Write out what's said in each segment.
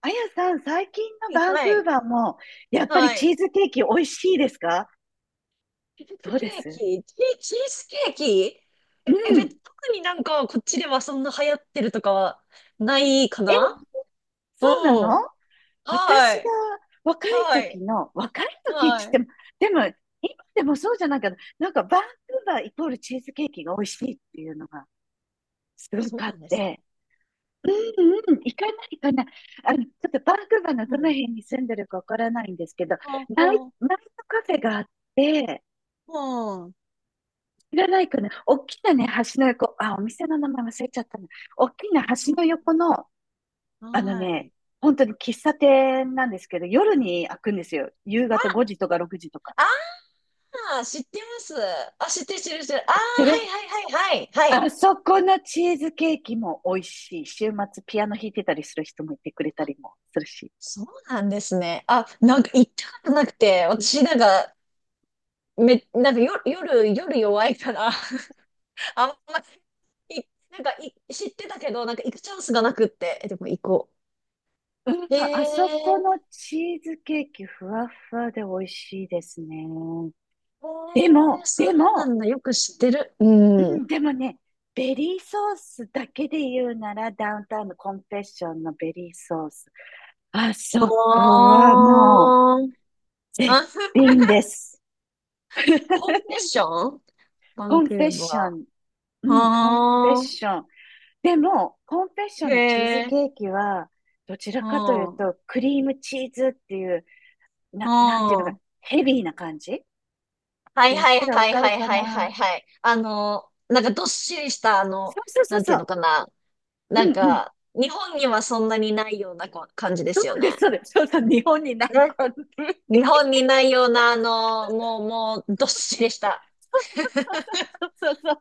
あやさん、最近のバンクはーい、バーも、やっぱりはチい。ーズケーキ美味しいですか？チーどズうケでーす？キ、チーズケーキ。うん。特になんかこっちではそんな流行ってるとかはないかえ、な。そううなの？ん。は私がい、若いは時い、の、若い時っはてい。言っても、でも、今でもそうじゃないけど、なんかバンクーバーイコールチーズケーキが美味しいっていうのがすごそくうあっなんですか。て、うんうん、行かない行かない。ちょっとバンクーバーのどうのん。辺に住んでるかわからないんですけど、あナイ、あ、ナイトカフェがあって、うん、知らないかな。大きなね、橋の横、あ、お店の名前忘れちゃったな。大きな橋の横の、あー、あのはね、い。本当に喫茶店なんですけど、夜に開くんですよ。夕あ、方5時とか6時とか。あー、知ってます。あ、知ってる、知ってる、知ってる。あー、知ってる？はい、はい、はい、はい、はい。あそこのチーズケーキも美味しい。週末ピアノ弾いてたりする人もいてくれたりもするし。そうなんですね。あ、なんか行ったことなくて、私なんか、なんか夜弱いから、あんまり、いなんか知ってたけど、なんか行くチャンスがなくって、でも行こうん、う。へえ、あそへこのえ、チーズケーキふわふわで美味しいですね。でも、そでうなも、んだ。よく知ってる。ううん。ん、でもね、ベリーソースだけで言うなら、ダウンタウンのコンフェッションのベリーソース。あそこはもうあー。絶あ。 品 です。コンベッション。バコンンクフェッーショバン。うー。ん、コンフェッあー。ション。でも、コンフェッショへンのチーズえ。ケーキは、どちらうかというん。うん。と、クリームチーズっていう、なんていうのか、ヘビーな感じってはい言っはいたらわはいかるはいかはいはな。いはい。あの、なんかどっしりした、あの、そうそうそうなんてそいうのう。かな。うなんんうん。か、日本にはそんなにないような感じでそすようね。です、そうです。そうそう、日本にないね、感じ。日 本にないような、あの、もう、もう、どっしりした。そうそう そうそうそう。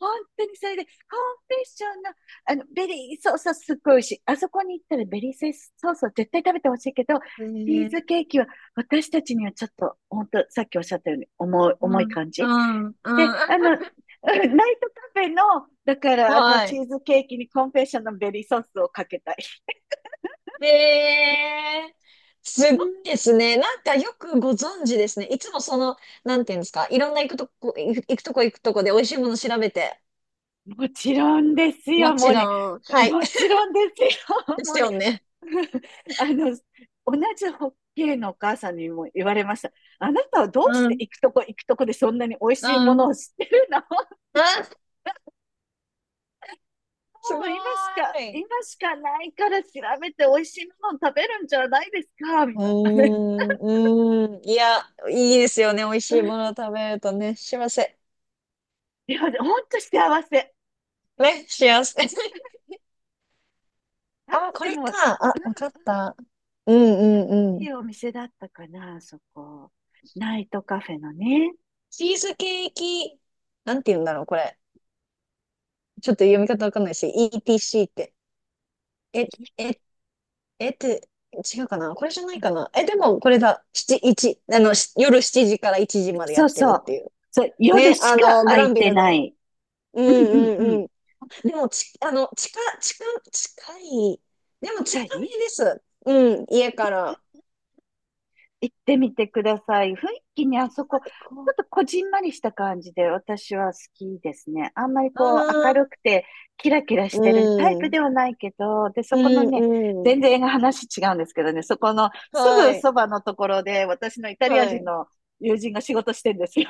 本当にそれで、コンフェッションの、ベリーソースはすっごい美味しい。あそこに行ったらベリーソースを絶対食べてほしいけど、えチーー、ズケーキは私たちにはちょっと、本当さっきおっしゃったように重い、う重いん、感うじ。ん、うん。で、ナイ トカフェの、だからあのはチい。ーズケーキにコンフェッションのベリーソースをかけたい。で、うすごいん、ですね。なんかよくご存知ですね。いつもその、なんていうんですか。いろんな行くとこ、行くとこ行くとこで美味しいもの調べて。もちろんですもよ、もちうね。ろん。はい。もち ろんですよ。でもすうね。 よね。あの、同じホッケーのお母さんにも言われました。あなたはどうしうてん、行くとこ行くとこでそんなに美味しいうものん。を知ってるの？もあ、すごう今しか、い。今しかないから調べて美味しいものを食べるんじゃないですかみうーたいなね。ん、うーん。いや、いいですよね。美味しいもの を食べるとね、幸せ。いや、ほんと幸せ。ね、幸せ。ああ、とこでれも、か。あ、わかった。うん、うん、ういん。いお店だったかな、そこ。ナイトカフェのね。チーズケーキ、なんて言うんだろう、これ。ちょっと読み方わかんないし、ETC って。え、え、えって、違うかなこれじゃないかな、でもこれだ。七、一、あの、し夜7時から1時までやそうってるそっう。ていう。そう、夜ね、しあかの、グ空ラいンビてルなの。い。うん、うんううんうん、ん。うん。でも、ち、あの、近、近、近い。でもは近い、めです。うん、家から。行ってみてください。雰囲気にあそあ、こ、行こちょう。っとこじんまりした感じで私は好きですね。あんまりうこう明るん。くてキラキラしてるタイうプん。ではないけど、で、そうこのね、ん、うん。全然映画話違うんですけどね、そこのすはぐい。そばのところで私のイタリアは人い。の友人が仕事してんですよ。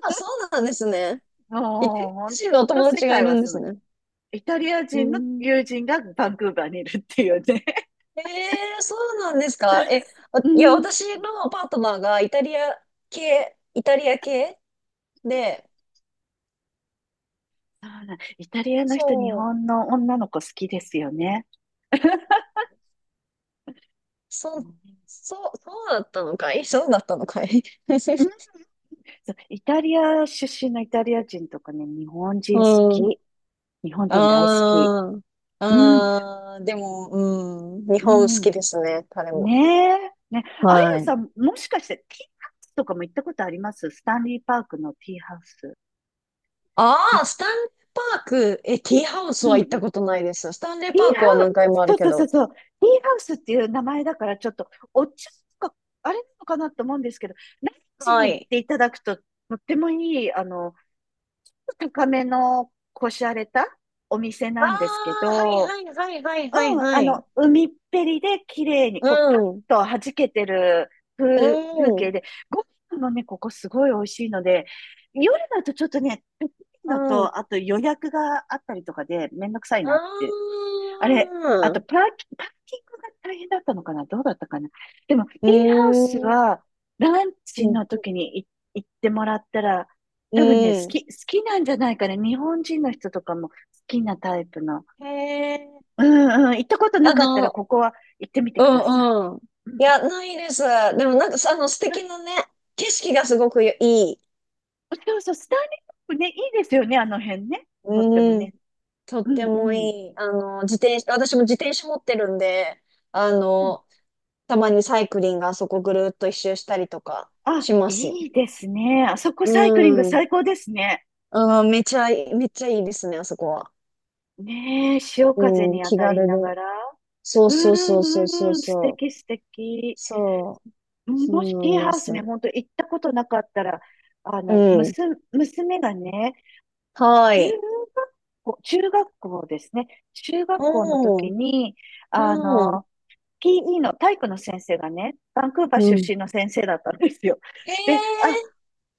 あ、そうなんですね。イタリもう、ほアん人のおと友世達がい界るはんですごすい。ね。イタリアう人のん。友人がバンクーバーにいるっていうね。ええ、そうなんですか。ういや、ん。私のパートナーがイタリア系、イタリア系で、そうなん、イタリアの人、日そう。本の女の子好きですよね。そう、うそう、そうだったのかい、そうだったのかい。 ん、そう、イタリア出身のイタリア人とかね、日本人好うん。き。日本人大好き。ああ、うん、ああ、でも、うん。日う本好ん。きですね、彼も。ねえ。ね、あはやい。さん、もしかして、ティーハウスとかも行ったことあります？スタンリーパークのティーハウス。あい、あ、スタンレーパーク。ティーハウスうは行ったん。ことないです。スタンレーティパーーハクは何ウ回ス、もあそるうけそうそうど。そう。ティーハウスっていう名前だから、ちょっと、お茶とか、あれなのかなと思うんですけど、ランチはに行っい。ていただくと、とってもいい、高めの、こしゃれたお店ああ、なんですけはいど、はいはいはいはいうん、はい。海っぺりで綺麗に、うこう、パッん。と弾けてるう風、風ん。景うで、ご飯もね、ここすごい美味しいので、夜だとちょっとね、ペッいのん。うと、あと予約があったりとかでめんどくさいなって。あれ、あーとん。パーキ、パーキングが大変だったのかな、どうだったかな。でも、テうィーハウスーん。は、ランチうん。の時に行ってもらったら、多分ね、好うん、き、好きなんじゃないかね。日本人の人とかも好きなタイプの、へえ。うんうん、行ったことなあかったらの、ここは行ってみてうください。ん、うん。ういん。や、ないです。でもなんかさ、あの、素あ、敵なね、景色がすごくいい。そうそう、スターリングね、いいですよね、あの辺ね。とってもうん。ね。とっうてんうもん。いい。あの、自転車、私も自転車持ってるんで、あうん。の、たまにサイクリングあそこぐるっと一周したりとかあ、します。いいですね。あそこサイクリングうん。最高ですね。あー、めちゃいい、めっちゃいいですね、あそこは。ねえ、潮風うん、に当気たり軽で。ながら。そううそうそんうそううそんううん、素そう。敵素敵。そう、うん、そもしティうーなんハでウスね、す。ほんと行ったことなかったら、あうの、ん。娘娘がね、は中い。学校、中学校ですね。中学校のう時ん、に、あうん、の、PE の体育の先生がね、バンクーバーう出ん。身の先生だったんですよ。へで、あ、え、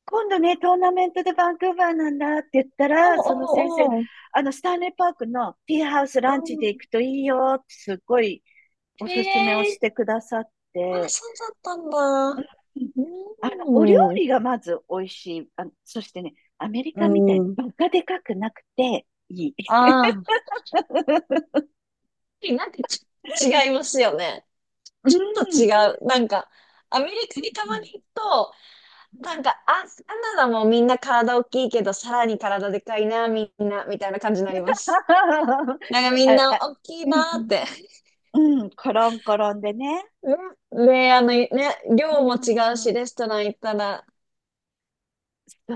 今度ね、トーナメントでバンクーバーなんだって言ったおら、うその先生が、おうおう。スタンレーパークのティーハウスうランチでん。行くといいよってすっごいおへすすめをしえ、てくださっあ、て、そうだったんうん。だ。お料うん。理がまず美味しい。そしてね、アメリカみたいうにん。バカでかくなくていい。ああ、なんか違いますよね。うちょっと違ん。う。なんか、アメリうカんにたうまにん、行くと、なんか、あ、カナダもみんな体大きいけど、さらに体でかいな、みんな、みたいな感じになります。なんかみんあ、なあ、大きいうんうなーっん。て。うん。コロンコロンでね。ね、で、あの、ね、う量も違うん。し、レストラン行ったら、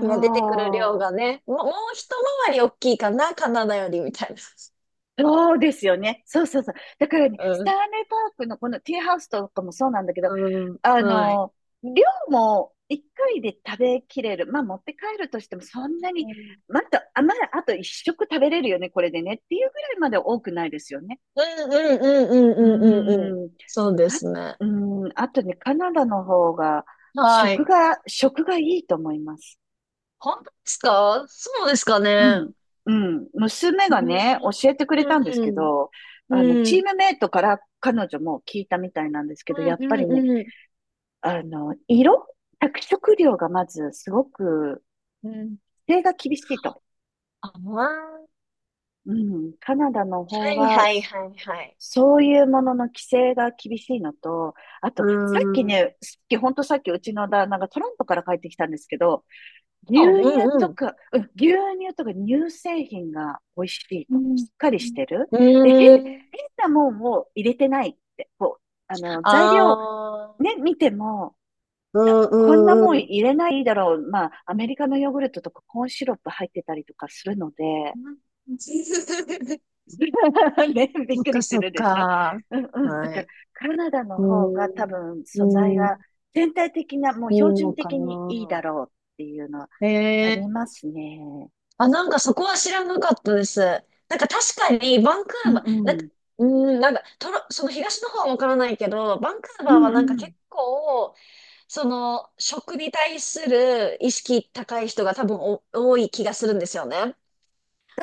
まあ出てくる量がう。ね、もう一回り大きいかな、カナダより、みたいな。そうですよね。そうそうそう。だからね、スうタん、ーネパークのこのティーハウスとかもそうなんだけど、あうん、はい。の、量も一回で食べきれる。まあ持って帰るとしてもそんなに、また、あ、まだあと一食食べれるよね、これでね。っていうぐらいまで多くないですよね。うん、うん、うん、ううん、うん、うん、うん。ん。そうであ、すね。うん、あとね、カナダの方が、は食い。が、食がいいと思います。本当ですか、そうですかうね。ん、うん。娘うがん。ね、教えてくれたんでうすん。うけん。ど、チームメイトから彼女も聞いたみたいなんですうけど、やっぱん、りうね、ん、うん。あの、色着色料がまずすごく、うん、規制が厳しいと。ああ、はうん、カナダの方い、が、はい、はい、はい。そういうものの規制が厳しいのと、あと、うさっきん。ね、さっき、ほんとさっきうちの旦那がトロントから帰ってきたんですけど、牛あ、う乳ん、とうん。か、うん、牛乳とか乳製品が美味しいうと。しん。っかりしてる。で、へ、変うん。なもんを入れてないって。こう、あ材料あ。ね、見ても、うこんなもん、んうん、入れないだろう。まあ、アメリカのヨーグルトとかコーンシロップ入ってたりとかするので、うん。ね、びっそっくりか、すそっるでしょ。か。うんうん。だはから、い。カナダのう方が多ん。分素材うがん。全体的な、もういい標の準か的にいいだな。ろうっていうのはへありえ、ますね。あ、なんかそこは知らなかったです。なんか確かにバンクうーバー、んなうんか、ん。うん、なんかその東の方はわからないけど、バンクーうバーんはなんうかん。結構、その食に対する意識高い人が多分お多い気がするんですよね。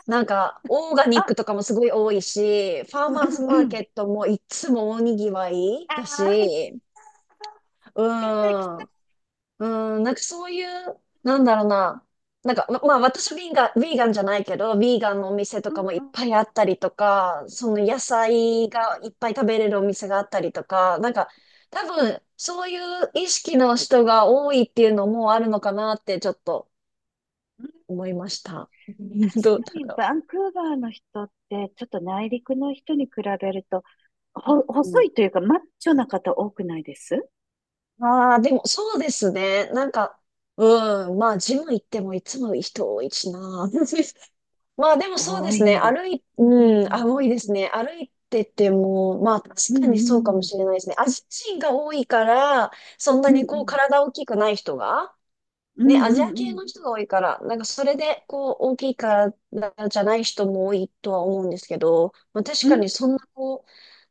なんか、オーガニッあ、クとかもすごい多いし、ファーマーズうんうマんうーケん。ットもいつも大にぎわいあだあ、し、来た来た。うん。うん、なんかそういう、なんだろうな。なんか、まあ私はヴィーガン、ヴィーガンじゃないけど、ヴィーガンのお店とうかんもいっうん。ぱいあったりとか、その野菜がいっぱい食べれるお店があったりとか、なんか多分そういう意識の人が多いっていうのもあるのかなってちょっとうん、思いました。どう確かだにろバンクーバーの人って、ちょっと内陸の人に比べると、ほ、う。細ういというか、マッチョな方多くないです？ん、ああ、でもそうですね。なんか、うん、まあジム行ってもいつも人多いしな。まあでもそうで多すいね。んだ。うんううん、あ、ん。多いですね。歩いてても、まあ確うかんにそうかうもん。しれないですね。アジア人が多いから、そんなうんうにこうん。体大きくない人が、うね、んうアジんアう系ん。の人が多いから、なんかそれうんで、こう、大きいからじゃない人も多いとは思うんですけど、まあ確うかんにそんな、こ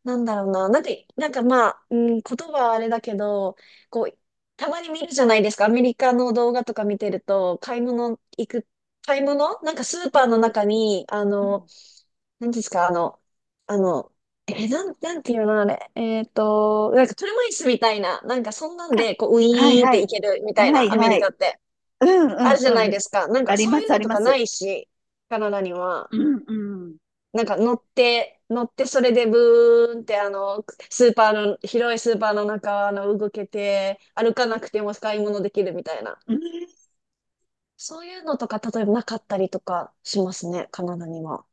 う、なんだろうな、なんか、なんかまあ、うん、言葉はあれだけど、こう、たまに見るじゃないですか、アメリカの動画とか見てると、買い物行く、買い物なんかスーうパーのん中に、あうの、ん。なんですか、あの、あの、え、なん、なんていうのあれ。なんか車椅子みたいな、なんかそんなんあ、で、こう、ウはいィーンっはて行い。けるみたいはいな、アメはリカっい。て。うんうあるじゃなんいうん。ですか。なんあかりそうまいすうあのりとまかなす。いし、カナダには。うんうん。なんか乗ってそれでブーンって、あの、スーパーの、広いスーパーの中、あの、動けて、歩かなくても買い物できるみたいな。うんそういうのとか、例えばなかったりとかしますね、カナダには。